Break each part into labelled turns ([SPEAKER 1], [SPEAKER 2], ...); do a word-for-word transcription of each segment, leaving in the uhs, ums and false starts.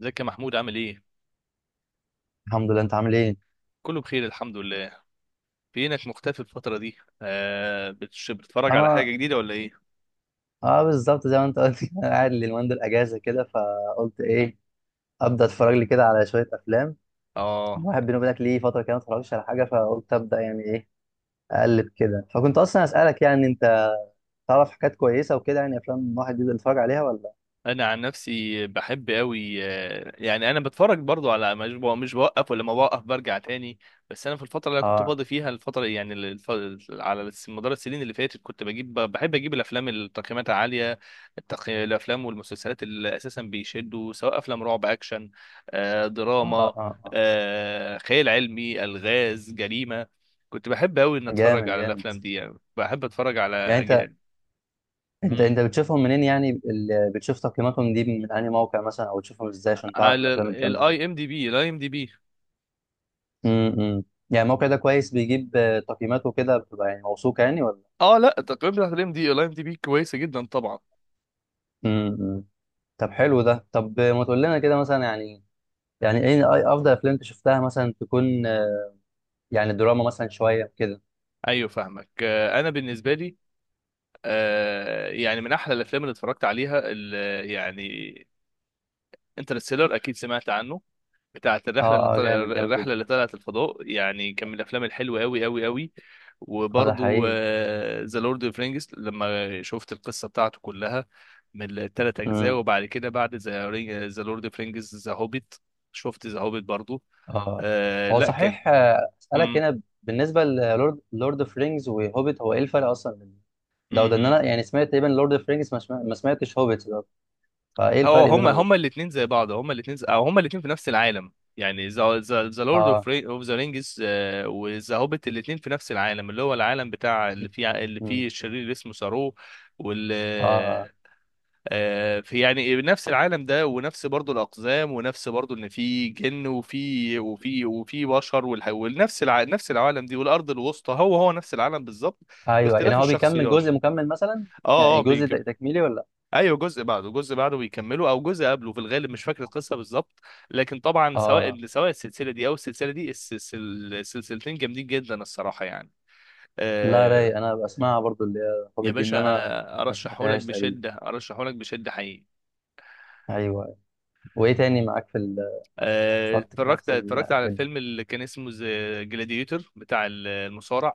[SPEAKER 1] ازيك يا محمود؟ عامل ايه؟
[SPEAKER 2] الحمد لله، انت عامل ايه؟
[SPEAKER 1] كله بخير الحمد لله. فينك مختفي الفترة دي؟ آه، بتش- بتتفرج على حاجة
[SPEAKER 2] اه
[SPEAKER 1] جديدة ولا ايه؟
[SPEAKER 2] اه بالظبط زي ما انت قلت كده، انا قاعد اليومين دول اجازه كده، فقلت ايه ابدا اتفرج لي كده على شويه افلام.
[SPEAKER 1] اه
[SPEAKER 2] الواحد بيني وبينك ليه فتره كده ما اتفرجش على حاجه، فقلت ابدا يعني ايه اقلب كده، فكنت اصلا اسالك يعني انت تعرف حاجات كويسه وكده، يعني افلام الواحد يقدر يتفرج عليها ولا؟
[SPEAKER 1] انا عن نفسي بحب قوي، آه، يعني انا بتفرج برضو على مش بو- مش بوقف، ولما بوقف برجع تاني. بس انا في الفتره اللي أنا كنت
[SPEAKER 2] اه
[SPEAKER 1] فاضي فيها الفتره يعني ال- الف... على الس- مدار السنين اللي فاتت كنت بجيب ب- بحب اجيب الافلام اللي تقييماتها عاليه. التق... الافلام والمسلسلات اللي اساسا بيشدوا، سواء افلام رعب، اكشن، آه،
[SPEAKER 2] اه
[SPEAKER 1] دراما،
[SPEAKER 2] اه اه
[SPEAKER 1] آه، خيال علمي، الغاز، جريمه. كنت بحب قوي ان اتفرج
[SPEAKER 2] جامد
[SPEAKER 1] على
[SPEAKER 2] جامد.
[SPEAKER 1] الافلام دي، يعني بحب اتفرج على
[SPEAKER 2] يعني انت
[SPEAKER 1] أج-
[SPEAKER 2] انت
[SPEAKER 1] مم.
[SPEAKER 2] انت بتشوفهم منين؟ يعني ال- بتشوف تقييماتهم دي من انهي موقع مثلا، او بتشوفهم ازاي عشان تعرف
[SPEAKER 1] على
[SPEAKER 2] الافلام الجامده؟
[SPEAKER 1] الاي ام دي بي، الاي ام دي بي.
[SPEAKER 2] امم، يعني الموقع ده كويس؟ بيجيب آه، تقييماته كده بتبقى يعني موثوقة يعني ولا؟
[SPEAKER 1] اه لا، التقييم بتاعت الام دي الاي ام دي بي كويسه جدا طبعا.
[SPEAKER 2] امم. طب حلو ده. طب آه، ما تقول لنا كده مثلا، يعني يعني ايه أي- افضل افلام انت شفتها مثلا، تكون آه، يعني دراما مثلا شوية كده.
[SPEAKER 1] ايوه فاهمك. آه، انا بالنسبه لي، آه، يعني من احلى الافلام اللي اتفرجت عليها ال- يعني انترستيلر، اكيد سمعت عنه. بتاعت الرحله اللي
[SPEAKER 2] اه اه،
[SPEAKER 1] طل...
[SPEAKER 2] جامد جامد
[SPEAKER 1] الرحله
[SPEAKER 2] جدا.
[SPEAKER 1] اللي طلعت الفضاء، يعني كان من الافلام الحلوه قوي قوي قوي.
[SPEAKER 2] اه ده
[SPEAKER 1] وبرضو
[SPEAKER 2] حقيقي.
[SPEAKER 1] ذا لورد اوف رينجز، لما شفت القصه بتاعته كلها من الثلاث اجزاء،
[SPEAKER 2] امم.
[SPEAKER 1] وبعد كده بعد ذا ذا لورد اوف رينجز ذا هوبيت، شفت ذا هوبيت برضو.
[SPEAKER 2] اه
[SPEAKER 1] آه،
[SPEAKER 2] هو
[SPEAKER 1] لا كان.
[SPEAKER 2] صحيح، آه، اسالك هنا بالنسبة للورد، لورد اوف رينجز وهوبيت، هو ايه الفرق اصلا بين ده وده؟ ان
[SPEAKER 1] مم.
[SPEAKER 2] انا يعني سمعت تقريبا لورد اوف رينجز، ما سمع- ما سمعتش هوبيت ده، فايه
[SPEAKER 1] هو
[SPEAKER 2] الفرق
[SPEAKER 1] هما
[SPEAKER 2] بينهم
[SPEAKER 1] هما
[SPEAKER 2] وبين-
[SPEAKER 1] الاثنين زي بعض، هما الاثنين او هما الاثنين في نفس العالم. يعني ذا لورد اوف
[SPEAKER 2] اه.
[SPEAKER 1] ذا رينجز، آه، وذا هوبيت الاثنين في نفس العالم، اللي هو العالم بتاع اللي فيه اللي
[SPEAKER 2] مم.
[SPEAKER 1] فيه الشرير اللي اسمه سارو وال
[SPEAKER 2] اه آه.
[SPEAKER 1] آه، في يعني نفس العالم ده، ونفس برضو الاقزام، ونفس برضو ان في جن وفي وفي وفي بشر، والح- ونفس الع... نفس العالم دي، والارض الوسطى هو هو نفس العالم بالظبط،
[SPEAKER 2] ايوه، يعني
[SPEAKER 1] باختلاف
[SPEAKER 2] هو بيكمل؟
[SPEAKER 1] الشخصيات.
[SPEAKER 2] جزء مكمل مثلا؟
[SPEAKER 1] اه
[SPEAKER 2] يعني
[SPEAKER 1] اه
[SPEAKER 2] جزء تك- تكميلي ولا لأ؟
[SPEAKER 1] ايوه، جزء بعده جزء بعده بيكملوا او جزء قبله في الغالب، مش فاكر القصه بالظبط. لكن طبعا
[SPEAKER 2] اه،
[SPEAKER 1] سواء سواء السلسله دي او السلسله دي، السلسل- السلسلتين جامدين جدا الصراحه يعني.
[SPEAKER 2] لا
[SPEAKER 1] آه،
[SPEAKER 2] راي انا بسمعها برضو، اللي هي
[SPEAKER 1] يا
[SPEAKER 2] هوبيت دي، ان
[SPEAKER 1] باشا
[SPEAKER 2] انا
[SPEAKER 1] انا
[SPEAKER 2] ما
[SPEAKER 1] ارشحهولك
[SPEAKER 2] سمعتهاش تقريبا.
[SPEAKER 1] بشده، ارشحهولك بشده حقيقي.
[SPEAKER 2] ايوه. وايه تاني معاك في ال-
[SPEAKER 1] آه،
[SPEAKER 2] الخط كده،
[SPEAKER 1] اتفرجت
[SPEAKER 2] نفس
[SPEAKER 1] اتفرجت على
[SPEAKER 2] الحاجات دي؟
[SPEAKER 1] الفيلم اللي كان اسمه جلاديتور، بتاع ال- المصارع.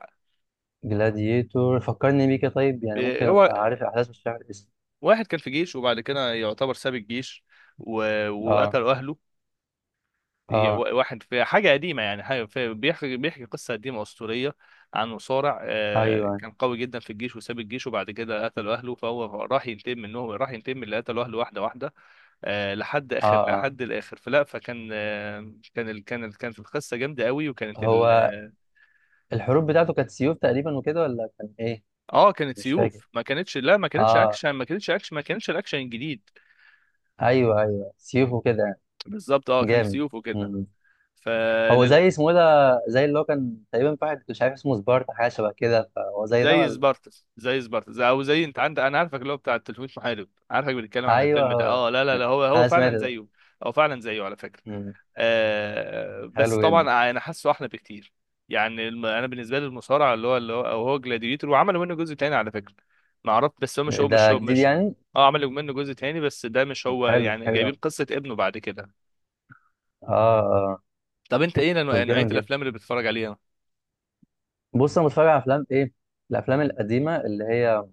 [SPEAKER 2] جلاديتور، فكرني بيه كده. طيب يعني
[SPEAKER 1] آه،
[SPEAKER 2] ممكن
[SPEAKER 1] هو
[SPEAKER 2] ابقى عارف الاحداث بس مش عارف الاسم.
[SPEAKER 1] واحد كان في جيش وبعد كده يعتبر ساب الجيش، و-
[SPEAKER 2] اه
[SPEAKER 1] وقتل اهله. ي-
[SPEAKER 2] اه.
[SPEAKER 1] و- واحد في حاجة قديمة، يعني حاجة في بيحكي بيحكي قصة قديمة أسطورية عن مصارع، آه،
[SPEAKER 2] ايوه.
[SPEAKER 1] كان قوي جدا في الجيش وساب الجيش، وبعد كده قتلوا أهله، فهو راح ينتقم منهم، راح ينتقم من اللي قتلوا أهله واحدة واحدة. آه، لحد
[SPEAKER 2] اه
[SPEAKER 1] آخر
[SPEAKER 2] اه.
[SPEAKER 1] لحد الآخر فلا، فكان آه، كان ال- كان ال- كانت القصة جامدة قوي، وكانت
[SPEAKER 2] هو
[SPEAKER 1] ال
[SPEAKER 2] الحروب بتاعته كانت سيوف تقريبا وكده، ولا كان ايه؟
[SPEAKER 1] اه كانت
[SPEAKER 2] مش فاكر.
[SPEAKER 1] سيوف، ما كانتش، لا ما كانتش
[SPEAKER 2] اه.
[SPEAKER 1] أكشن، ما كانتش أكشن، ما كانش الأكشن الجديد.
[SPEAKER 2] ايوه ايوه، سيوف وكده يعني.
[SPEAKER 1] بالظبط اه كانت
[SPEAKER 2] جامد.
[SPEAKER 1] سيوف وكده.
[SPEAKER 2] هو
[SPEAKER 1] فلل
[SPEAKER 2] زي اسمه ايه ده؟ زي اللي هو كان تقريبا في واحد مش عارف اسمه سبارتا، حاجه شبه كده، فهو زي ده
[SPEAKER 1] زي
[SPEAKER 2] ولا؟
[SPEAKER 1] سبارتس، زي سبارتس، زي- او زي انت عندك، انا عارفك اللي هو بتاع التلفوت محارب، عارفك بنتكلم عن
[SPEAKER 2] ايوه
[SPEAKER 1] الفيلم ده.
[SPEAKER 2] هو ده.
[SPEAKER 1] اه لا لا لا، هو هو
[SPEAKER 2] انا سمعت
[SPEAKER 1] فعلا
[SPEAKER 2] ده.
[SPEAKER 1] زيه، هو فعلا زيه على فكره.
[SPEAKER 2] مم.
[SPEAKER 1] آه، بس
[SPEAKER 2] حلو جدا.
[SPEAKER 1] طبعا انا حاسه احلى بكتير. يعني الم- انا بالنسبه لي المصارع اللي هو، اللي هو أو هو جلاديتور، وعملوا منه جزء تاني على فكره. ما اعرفش، بس هو مش هو مش
[SPEAKER 2] ده
[SPEAKER 1] هو
[SPEAKER 2] جديد
[SPEAKER 1] مش
[SPEAKER 2] يعني؟
[SPEAKER 1] اه عملوا منه جزء تاني بس ده مش
[SPEAKER 2] طب
[SPEAKER 1] هو،
[SPEAKER 2] حلو
[SPEAKER 1] يعني
[SPEAKER 2] حلو
[SPEAKER 1] جايبين
[SPEAKER 2] أوي.
[SPEAKER 1] قصه ابنه بعد كده.
[SPEAKER 2] اه اه.
[SPEAKER 1] طب انت ايه نوع-
[SPEAKER 2] طب
[SPEAKER 1] نوعيه
[SPEAKER 2] جامد جدا.
[SPEAKER 1] الافلام اللي بتتفرج عليها؟
[SPEAKER 2] بص، انا بتفرج على افلام ايه؟ الافلام القديمه اللي هي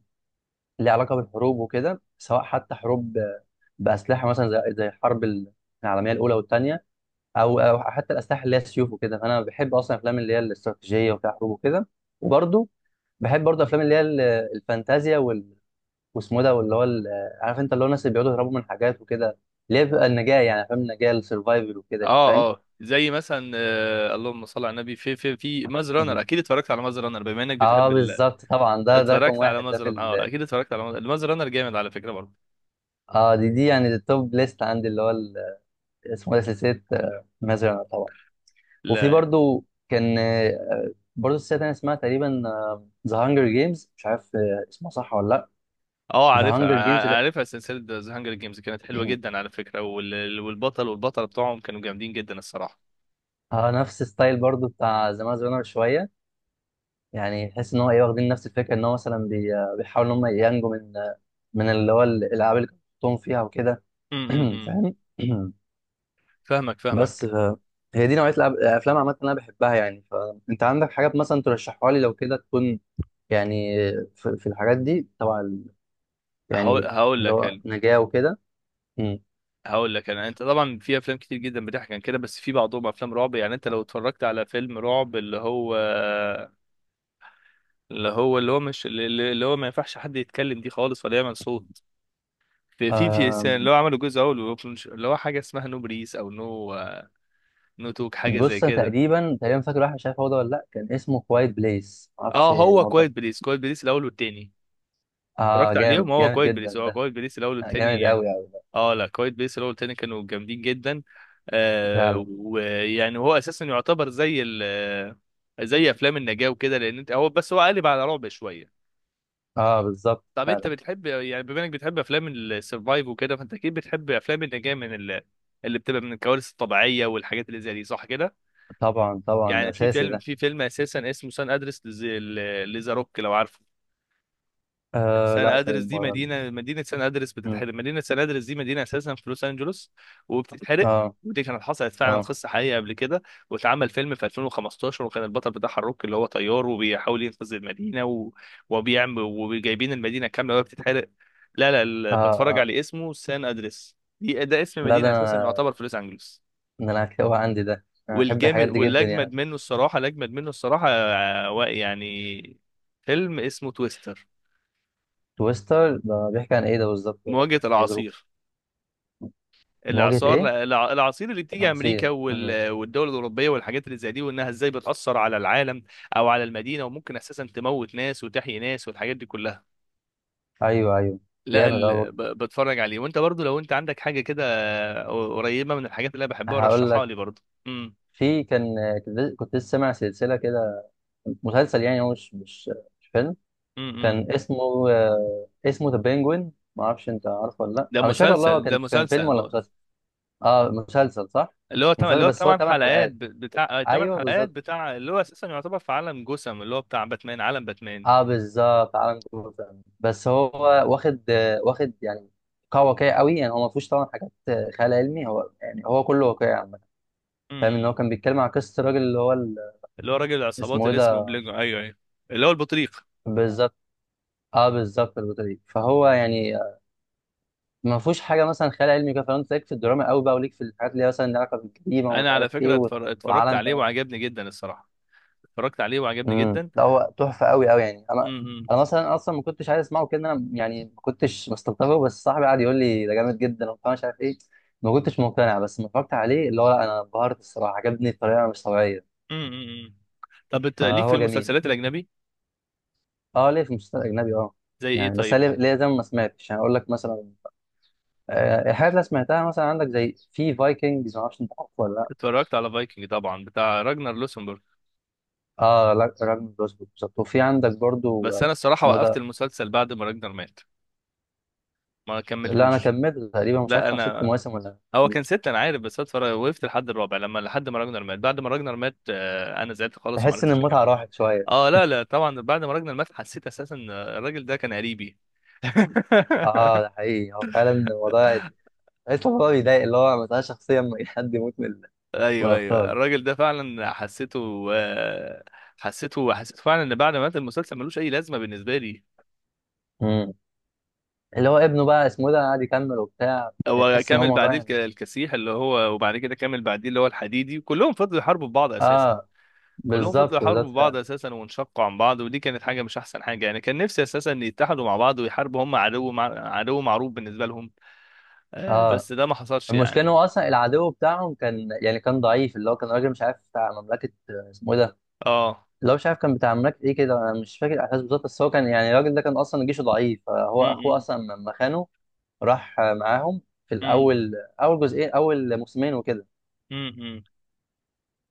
[SPEAKER 2] ليها علاقه بالحروب وكده، سواء حتى حروب ب- باسلحه مثلا، زي زي الحرب ال- العالميه الاولى والثانيه، او او حتى الاسلحه اللي هي سيوف وكده. انا بحب اصلا الافلام اللي هي الاستراتيجيه وفيها حروب وكده. وبرضه بحب برضه افلام اللي هي ال- الفانتازيا وال... واسمه ده، واللي هو ال- عارف انت اللي هو الناس اللي بيقعدوا يهربوا من حاجات وكده، اللي هي بيبقى النجاة، يعني افلام النجاة، السرفايفل وكده، يعني فاهم؟
[SPEAKER 1] اه اه زي مثلا آه، اللهم صل على النبي، في في في ماز رانر،
[SPEAKER 2] مهم.
[SPEAKER 1] اكيد اتفرجت على ماز رانر بما انك بتحب
[SPEAKER 2] اه
[SPEAKER 1] ال... آه،
[SPEAKER 2] بالظبط طبعا، ده ده رقم
[SPEAKER 1] اتفرجت على
[SPEAKER 2] واحد ده
[SPEAKER 1] ماز
[SPEAKER 2] في
[SPEAKER 1] رانر اه،
[SPEAKER 2] ال...
[SPEAKER 1] اكيد اتفرجت على ماز ماز رانر، جامد على فكره برضه.
[SPEAKER 2] اه دي دي يعني التوب ليست عندي، اللي هو ال... اسمه ده سلسلة مازرعة طبعا. وفي
[SPEAKER 1] لا،
[SPEAKER 2] برضه كان آه، برضه سلسلة تانية اسمها تقريبا ذا هانجر جيمز، مش عارف آه، اسمها صح ولا لا.
[SPEAKER 1] اه
[SPEAKER 2] ذا
[SPEAKER 1] عارفها،
[SPEAKER 2] هانجر جيمز
[SPEAKER 1] ع-
[SPEAKER 2] ده
[SPEAKER 1] عارفها، سلسله ذا هانجر جيمز كانت حلوه جدا على فكره، وال... والبطل والبطله بتوعهم كانوا جامدين جدا الصراحه.
[SPEAKER 2] اه نفس ستايل برضه بتاع ذا مازرعة شوية، يعني تحس ان هو ايه، واخدين نفس الفكره، ان هو مثلا بي- بيحاولوا ان هم ينجوا من من اللي هو الالعاب اللي كانوا بيحطوهم فيها وكده.
[SPEAKER 1] امم.
[SPEAKER 2] فاهم؟
[SPEAKER 1] فاهمك
[SPEAKER 2] بس
[SPEAKER 1] فاهمك.
[SPEAKER 2] ف... هي دي نوعيه الألعاب- الافلام عامه اللي انا بحبها، يعني فانت عندك حاجات مثلا ترشحها لي لو كده، تكون يعني في, في الحاجات دي طبعا ال-
[SPEAKER 1] هقول
[SPEAKER 2] يعني
[SPEAKER 1] هقول
[SPEAKER 2] اللي
[SPEAKER 1] لك
[SPEAKER 2] هو
[SPEAKER 1] ال-
[SPEAKER 2] نجاه وكده. مم.
[SPEAKER 1] هقول لك انا. انت طبعا في افلام كتير جدا بتحكي عن كده، بس في بعضهم افلام رعب، يعني انت لو اتفرجت على فيلم رعب، اللي هو، اللي هو اللي هو مش اللي اللي هو ما ينفعش حد يتكلم دي خالص ولا يعمل صوت. في في في إنسان، اللي
[SPEAKER 2] آم،
[SPEAKER 1] هو عملوا جزء اول وبلونش- اللي هو حاجه اسمها نو بريس او نو، نو توك، حاجه زي
[SPEAKER 2] بص أنا
[SPEAKER 1] كده.
[SPEAKER 2] تقريبا تقريبا فاكر واحد مش عارف هو ده ولا لا، كان اسمه كوايت بليس، معرفش
[SPEAKER 1] اه هو
[SPEAKER 2] هو ده ولا
[SPEAKER 1] كويت
[SPEAKER 2] لأ.
[SPEAKER 1] بليس، كويت بليس الاول والتاني،
[SPEAKER 2] اه
[SPEAKER 1] اتفرجت عليهم.
[SPEAKER 2] جامد
[SPEAKER 1] هو
[SPEAKER 2] جامد
[SPEAKER 1] كويت
[SPEAKER 2] جدا
[SPEAKER 1] بليس، هو
[SPEAKER 2] ده.
[SPEAKER 1] كويت بليس الاول
[SPEAKER 2] آه، جامد
[SPEAKER 1] والتاني.
[SPEAKER 2] قوي قوي.
[SPEAKER 1] اه لا، كويت بليس الاول والتاني كانوا جامدين جدا. آه،
[SPEAKER 2] فعلا.
[SPEAKER 1] ويعني هو اساسا يعتبر زي ال زي افلام النجاة وكده، لان انت هو بس هو قالب على رعب شويه.
[SPEAKER 2] اه بالظبط
[SPEAKER 1] طب انت
[SPEAKER 2] فعلا.
[SPEAKER 1] بتحب، يعني بما انك بتحب افلام السرفايف وكده، فانت اكيد بتحب افلام اللي جايه من ال... اللي بتبقى من الكوارث الطبيعيه والحاجات اللي زي دي، صح كده؟
[SPEAKER 2] طبعا طبعا، ده
[SPEAKER 1] يعني في
[SPEAKER 2] اساسي
[SPEAKER 1] فيلم
[SPEAKER 2] ده.
[SPEAKER 1] في فيلم اساسا اسمه سان ادرس، لذا روك، لو عارفه.
[SPEAKER 2] آه
[SPEAKER 1] سان
[SPEAKER 2] لا،
[SPEAKER 1] ادرس
[SPEAKER 2] طيب
[SPEAKER 1] دي
[SPEAKER 2] ما-
[SPEAKER 1] مدينه، مدينه سان ادرس
[SPEAKER 2] مم.
[SPEAKER 1] بتتحرق، مدينه سان ادرس دي مدينه اساسا في لوس انجلوس، وبتتحرق.
[SPEAKER 2] اه
[SPEAKER 1] ودي كانت حصلت فعلا،
[SPEAKER 2] اه
[SPEAKER 1] قصه حقيقيه قبل كده، واتعمل فيلم في ألفين وخمستاشر، وكان البطل بتاعها الروك، اللي هو طيار وبيحاول ينقذ المدينه و... وبيعمل وجايبين المدينه كامله وهي بتتحرق. لا لا
[SPEAKER 2] اه.
[SPEAKER 1] ال- بتفرج
[SPEAKER 2] اه
[SPEAKER 1] على اسمه سان ادرس، دي ده اسم
[SPEAKER 2] لا، ده
[SPEAKER 1] مدينه اساسا
[SPEAKER 2] انا،
[SPEAKER 1] يعتبر في لوس انجلوس.
[SPEAKER 2] ده انا هتلاقيه عندي، ده انا بحب
[SPEAKER 1] والجامد،
[SPEAKER 2] الحاجات دي جدا
[SPEAKER 1] والاجمد
[SPEAKER 2] يعني.
[SPEAKER 1] منه الصراحه، الاجمد منه الصراحه، آه، يعني فيلم اسمه تويستر.
[SPEAKER 2] تويستر ده بيحكي عن ايه ده بالظبط، ولا
[SPEAKER 1] مواجهه
[SPEAKER 2] يعني ايه ظروف؟
[SPEAKER 1] العصير،
[SPEAKER 2] مواجهة
[SPEAKER 1] الاعصار،
[SPEAKER 2] ايه؟
[SPEAKER 1] الع- الاعاصير اللي بتيجي امريكا
[SPEAKER 2] عصير. مم.
[SPEAKER 1] وال- والدول الاوروبيه والحاجات اللي زي دي، وانها ازاي بتاثر على العالم او على المدينه، وممكن اساسا تموت ناس وتحيي ناس، والحاجات دي كلها.
[SPEAKER 2] ايوه ايوه.
[SPEAKER 1] لا،
[SPEAKER 2] جامد اه
[SPEAKER 1] ال...
[SPEAKER 2] برضه.
[SPEAKER 1] ب- بتفرج عليه. وانت برضو لو انت عندك حاجه كده قريبه من الحاجات اللي انا بحبها
[SPEAKER 2] هقول
[SPEAKER 1] رشحها
[SPEAKER 2] لك،
[SPEAKER 1] لي برضو. امم
[SPEAKER 2] في كان كنت كنت لسه سامع سلسلة كده، مسلسل يعني، هو مش مش مش فيلم،
[SPEAKER 1] امم امم.
[SPEAKER 2] كان اسمه آه، اسمه ذا بينجوين، ما اعرفش انت عارفه ولا لا.
[SPEAKER 1] ده
[SPEAKER 2] انا مش فاكر والله
[SPEAKER 1] مسلسل،
[SPEAKER 2] هو
[SPEAKER 1] ده
[SPEAKER 2] كان، كان فيلم
[SPEAKER 1] مسلسل، م...
[SPEAKER 2] ولا مسلسل؟ اه مسلسل، صح.
[SPEAKER 1] اللي هو تم... اللي
[SPEAKER 2] مسلسل
[SPEAKER 1] هو
[SPEAKER 2] بس هو
[SPEAKER 1] ثمان
[SPEAKER 2] ثمان
[SPEAKER 1] حلقات، ب-
[SPEAKER 2] حلقات؟
[SPEAKER 1] بتاع ثمان
[SPEAKER 2] ايوه
[SPEAKER 1] حلقات،
[SPEAKER 2] بالظبط.
[SPEAKER 1] بتاع اللي هو اساسا يعتبر في عالم جسم، اللي هو بتاع باتمان، عالم باتمان.
[SPEAKER 2] اه بالظبط، عالم جوثام، بس هو واخد آه، واخد يعني قوة واقعية قوي يعني. هو ما فيهوش طبعا حاجات آه، خيال علمي، هو يعني هو كله واقعي عامة.
[SPEAKER 1] امم
[SPEAKER 2] فاهم ان هو
[SPEAKER 1] امم.
[SPEAKER 2] كان بيتكلم عن قصة الراجل اللي هو ال-،
[SPEAKER 1] اللي هو راجل العصابات
[SPEAKER 2] اسمه ايه
[SPEAKER 1] اللي اسمه
[SPEAKER 2] ده؟
[SPEAKER 1] بلينجو، ايوه ايوه، اللي هو البطريق.
[SPEAKER 2] بالظبط. اه بالظبط، البطولة دي، فهو يعني آه، ما فيهوش حاجة مثلا خيال علمي كده، فانت ليك في الدراما قوي بقى، وليك في الحاجات اللي هي مثلا لها علاقة بالجريمة، ومش
[SPEAKER 1] انا على
[SPEAKER 2] عارف ايه
[SPEAKER 1] فكره
[SPEAKER 2] و-
[SPEAKER 1] اتفر- اتفرجت عليه
[SPEAKER 2] وعالم.
[SPEAKER 1] وعجبني جدا الصراحه، اتفرجت عليه وعجبني
[SPEAKER 2] امم
[SPEAKER 1] جدا.
[SPEAKER 2] ده هو تحفه قوي قوي يعني. انا
[SPEAKER 1] امم
[SPEAKER 2] انا مثلا اصلا ما كنتش عايز اسمعه كده، انا يعني ما كنتش مستلطفه، بس صاحبي قعد يقول لي ده جامد جدا وبتاع، مش عارف ايه. ما كنتش مقتنع، بس لما اتفرجت عليه اللي هو، لا انا انبهرت الصراحه، عجبني بطريقه مش طبيعيه،
[SPEAKER 1] امم. طب انت ليك في
[SPEAKER 2] فهو جميل.
[SPEAKER 1] المسلسلات الاجنبي؟
[SPEAKER 2] اه ليه في المسلسلات الاجنبي اه،
[SPEAKER 1] زي ايه
[SPEAKER 2] يعني بس
[SPEAKER 1] طيب؟
[SPEAKER 2] ليه ليه زي ما ما سمعتش، يعني اقول لك مثلا آه، الحاجات اللي سمعتها مثلا عندك، زي في فايكنجز، ما اعرفش انت عارفه ولا لا.
[SPEAKER 1] اتفرجت على فايكنج طبعا، بتاع راجنر لوسنبورغ.
[SPEAKER 2] اه لا، راجل بروسبوت بالظبط. وفي عندك برضو
[SPEAKER 1] بس انا
[SPEAKER 2] آه،
[SPEAKER 1] الصراحه
[SPEAKER 2] اسمه إيه
[SPEAKER 1] وقفت
[SPEAKER 2] ده؟
[SPEAKER 1] المسلسل بعد ما راجنر مات، ما
[SPEAKER 2] لا انا
[SPEAKER 1] كملتوش.
[SPEAKER 2] كملت تقريبا، مش عارف
[SPEAKER 1] لا
[SPEAKER 2] كان ست
[SPEAKER 1] انا،
[SPEAKER 2] مواسم ولا.
[SPEAKER 1] هو كان ستة انا عارف، بس اتفرج وقفت لحد الرابع، لما لحد ما راجنر مات. بعد ما راجنر مات آه، انا زعلت خالص وما
[SPEAKER 2] بحس ان
[SPEAKER 1] عرفتش
[SPEAKER 2] المتعه
[SPEAKER 1] اكمل.
[SPEAKER 2] راحت شويه.
[SPEAKER 1] اه لا لا طبعا، بعد ما راجنر مات حسيت اساسا إن الراجل ده كان قريبي.
[SPEAKER 2] اه ده حقيقي، هو فعلا الموضوع، بحس الموضوع بيضايق اللي هو مثلا شخصيا، إن أي حد يموت من ال- من
[SPEAKER 1] ايوه ايوه،
[SPEAKER 2] الابطال.
[SPEAKER 1] الراجل ده فعلا حسيته آه، حسيته، حسيته فعلا ان بعد ما مات المسلسل ملوش اي لازمه بالنسبه لي.
[SPEAKER 2] مم. اللي هو ابنه بقى اسمه إيه ده، قاعد يكمل وبتاع.
[SPEAKER 1] هو
[SPEAKER 2] تحس ان هو
[SPEAKER 1] كمل
[SPEAKER 2] موضوع
[SPEAKER 1] بعديه الك-
[SPEAKER 2] يعني.
[SPEAKER 1] الكسيح اللي هو، وبعد كده كمل بعديه اللي هو الحديدي، كلهم فضلوا يحاربوا بعض اساسا،
[SPEAKER 2] اه
[SPEAKER 1] كلهم
[SPEAKER 2] بالظبط
[SPEAKER 1] فضلوا
[SPEAKER 2] بالظبط
[SPEAKER 1] يحاربوا بعض
[SPEAKER 2] فعلا.
[SPEAKER 1] اساسا وانشقوا عن بعض، ودي كانت حاجه مش احسن حاجه، يعني كان نفسي اساسا ان يتحدوا مع بعض ويحاربوا هم عدو مع... عدو معروف بالنسبه لهم. آه،
[SPEAKER 2] اه.
[SPEAKER 1] بس ده ما حصلش
[SPEAKER 2] المشكله ان
[SPEAKER 1] يعني.
[SPEAKER 2] هو اصلا العدو بتاعهم كان يعني كان ضعيف، اللي هو كان راجل مش عارف بتاع مملكه، آه، اسمه ايه ده،
[SPEAKER 1] اه
[SPEAKER 2] اللي هو مش عارف كان بتاع مملكه ايه كده، انا مش فاكر الاحداث بالظبط، بس هو كان يعني الراجل ده كان اصلا جيشه ضعيف، فهو اخوه
[SPEAKER 1] امم
[SPEAKER 2] اصلا لما خانه راح معاهم في الاول، اول جزئين، اول موسمين وكده.
[SPEAKER 1] امم.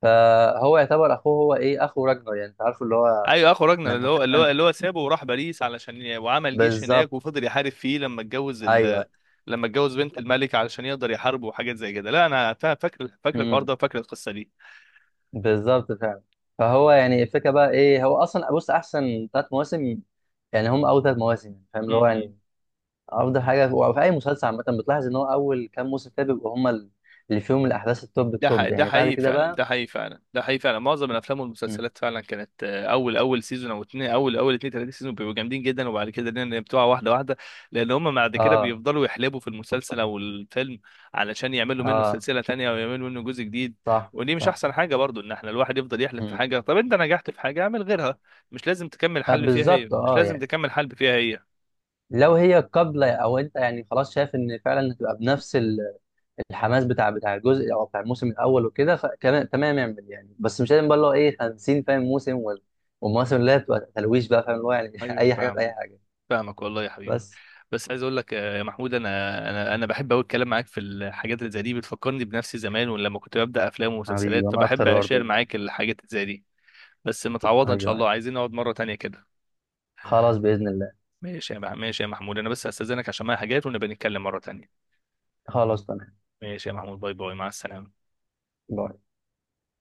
[SPEAKER 2] فهو يعتبر اخوه، هو ايه اخو راجنر يعني، انت عارفه اللي هو
[SPEAKER 1] ايوه، اخو راجنر، اللي
[SPEAKER 2] لما
[SPEAKER 1] هو اللي هو
[SPEAKER 2] خانه.
[SPEAKER 1] اللي هو سابه وراح باريس علشان ي- وعمل جيش
[SPEAKER 2] بالظبط.
[SPEAKER 1] هناك وفضل يحارب فيه لما اتجوز
[SPEAKER 2] ايوه.
[SPEAKER 1] ال... لما اتجوز بنت الملك علشان يقدر يحاربه وحاجات زي كده. لا انا فا- فاكر، فاكر الحوار
[SPEAKER 2] امم.
[SPEAKER 1] ده وفاكر القصه
[SPEAKER 2] بالظبط فعلا. فهو يعني الفكره بقى ايه، هو اصلا بص احسن ثلاث مواسم، يعني هم اول ثلاث مواسم يعني، فاهم اللي هو
[SPEAKER 1] دي.
[SPEAKER 2] يعني افضل حاجه. وفي اي مسلسل عامه بتلاحظ ان هو اول كام موسم كده بيبقوا هم اللي فيهم الاحداث التوب
[SPEAKER 1] ده
[SPEAKER 2] التوب،
[SPEAKER 1] حقيقي، ده
[SPEAKER 2] يعني بعد
[SPEAKER 1] حقيقي
[SPEAKER 2] كده
[SPEAKER 1] فعلا،
[SPEAKER 2] بقى.
[SPEAKER 1] ده حقيقي فعلا، ده حقيقي فعلا، معظم الافلام
[SPEAKER 2] مم.
[SPEAKER 1] والمسلسلات فعلا كانت آه، اول اول سيزون او اتنين، اول اول اتنين تلاته سيزون بيبقوا جامدين جدا، وبعد كده الدنيا بتقع واحده واحده. لان هم بعد كده
[SPEAKER 2] اه
[SPEAKER 1] بيفضلوا يحلبوا في المسلسل او الفيلم علشان يعملوا منه
[SPEAKER 2] اه.
[SPEAKER 1] سلسله تانيه او يعملوا منه جزء جديد.
[SPEAKER 2] صح.
[SPEAKER 1] ودي مش
[SPEAKER 2] صح.
[SPEAKER 1] احسن حاجه برضو ان احنا الواحد يفضل يحلب في
[SPEAKER 2] مم.
[SPEAKER 1] حاجه. طب انت نجحت في حاجه، اعمل غيرها. مش لازم تكمل
[SPEAKER 2] آه
[SPEAKER 1] حل فيها هي،
[SPEAKER 2] بالظبط،
[SPEAKER 1] مش
[SPEAKER 2] اه
[SPEAKER 1] لازم
[SPEAKER 2] يعني
[SPEAKER 1] تكمل حل فيها هي.
[SPEAKER 2] لو هي قابلة، أو أنت يعني خلاص شايف إن فعلا هتبقى بنفس ال- الحماس بتاع بتاع الجزء أو بتاع الموسم الأول وكده، فكمان تمام، اعمل يعني، بس مش لازم بقى اللي هو إيه خمسين فاهم موسم وال- والمواسم اللي هي بتبقى تلويش بقى، فاهم اللي هو يعني
[SPEAKER 1] ايوه
[SPEAKER 2] أي حاجة في أي
[SPEAKER 1] فاهمك،
[SPEAKER 2] حاجة.
[SPEAKER 1] فاهمك والله يا حبيبي.
[SPEAKER 2] بس.
[SPEAKER 1] بس عايز اقول لك آه، يا محمود، انا انا انا بحب قوي الكلام معاك في الحاجات اللي زي دي، بتفكرني بنفسي زمان ولما كنت ببدا افلام
[SPEAKER 2] حبيبي
[SPEAKER 1] ومسلسلات،
[SPEAKER 2] وأنا
[SPEAKER 1] فبحب
[SPEAKER 2] أكتر برضه
[SPEAKER 1] اشير
[SPEAKER 2] والله.
[SPEAKER 1] معاك الحاجات اللي زي دي. بس
[SPEAKER 2] أيوه
[SPEAKER 1] متعوضه ان شاء
[SPEAKER 2] أيوة.
[SPEAKER 1] الله، عايزين نقعد مره تانية كده.
[SPEAKER 2] خلاص بإذن الله.
[SPEAKER 1] ماشي يا مع- ماشي يا محمود، انا بس استاذنك عشان معايا حاجات، ونبقى نتكلم مره تانية.
[SPEAKER 2] خلاص تمام.
[SPEAKER 1] ماشي يا محمود، باي باي، مع السلامه.
[SPEAKER 2] باي.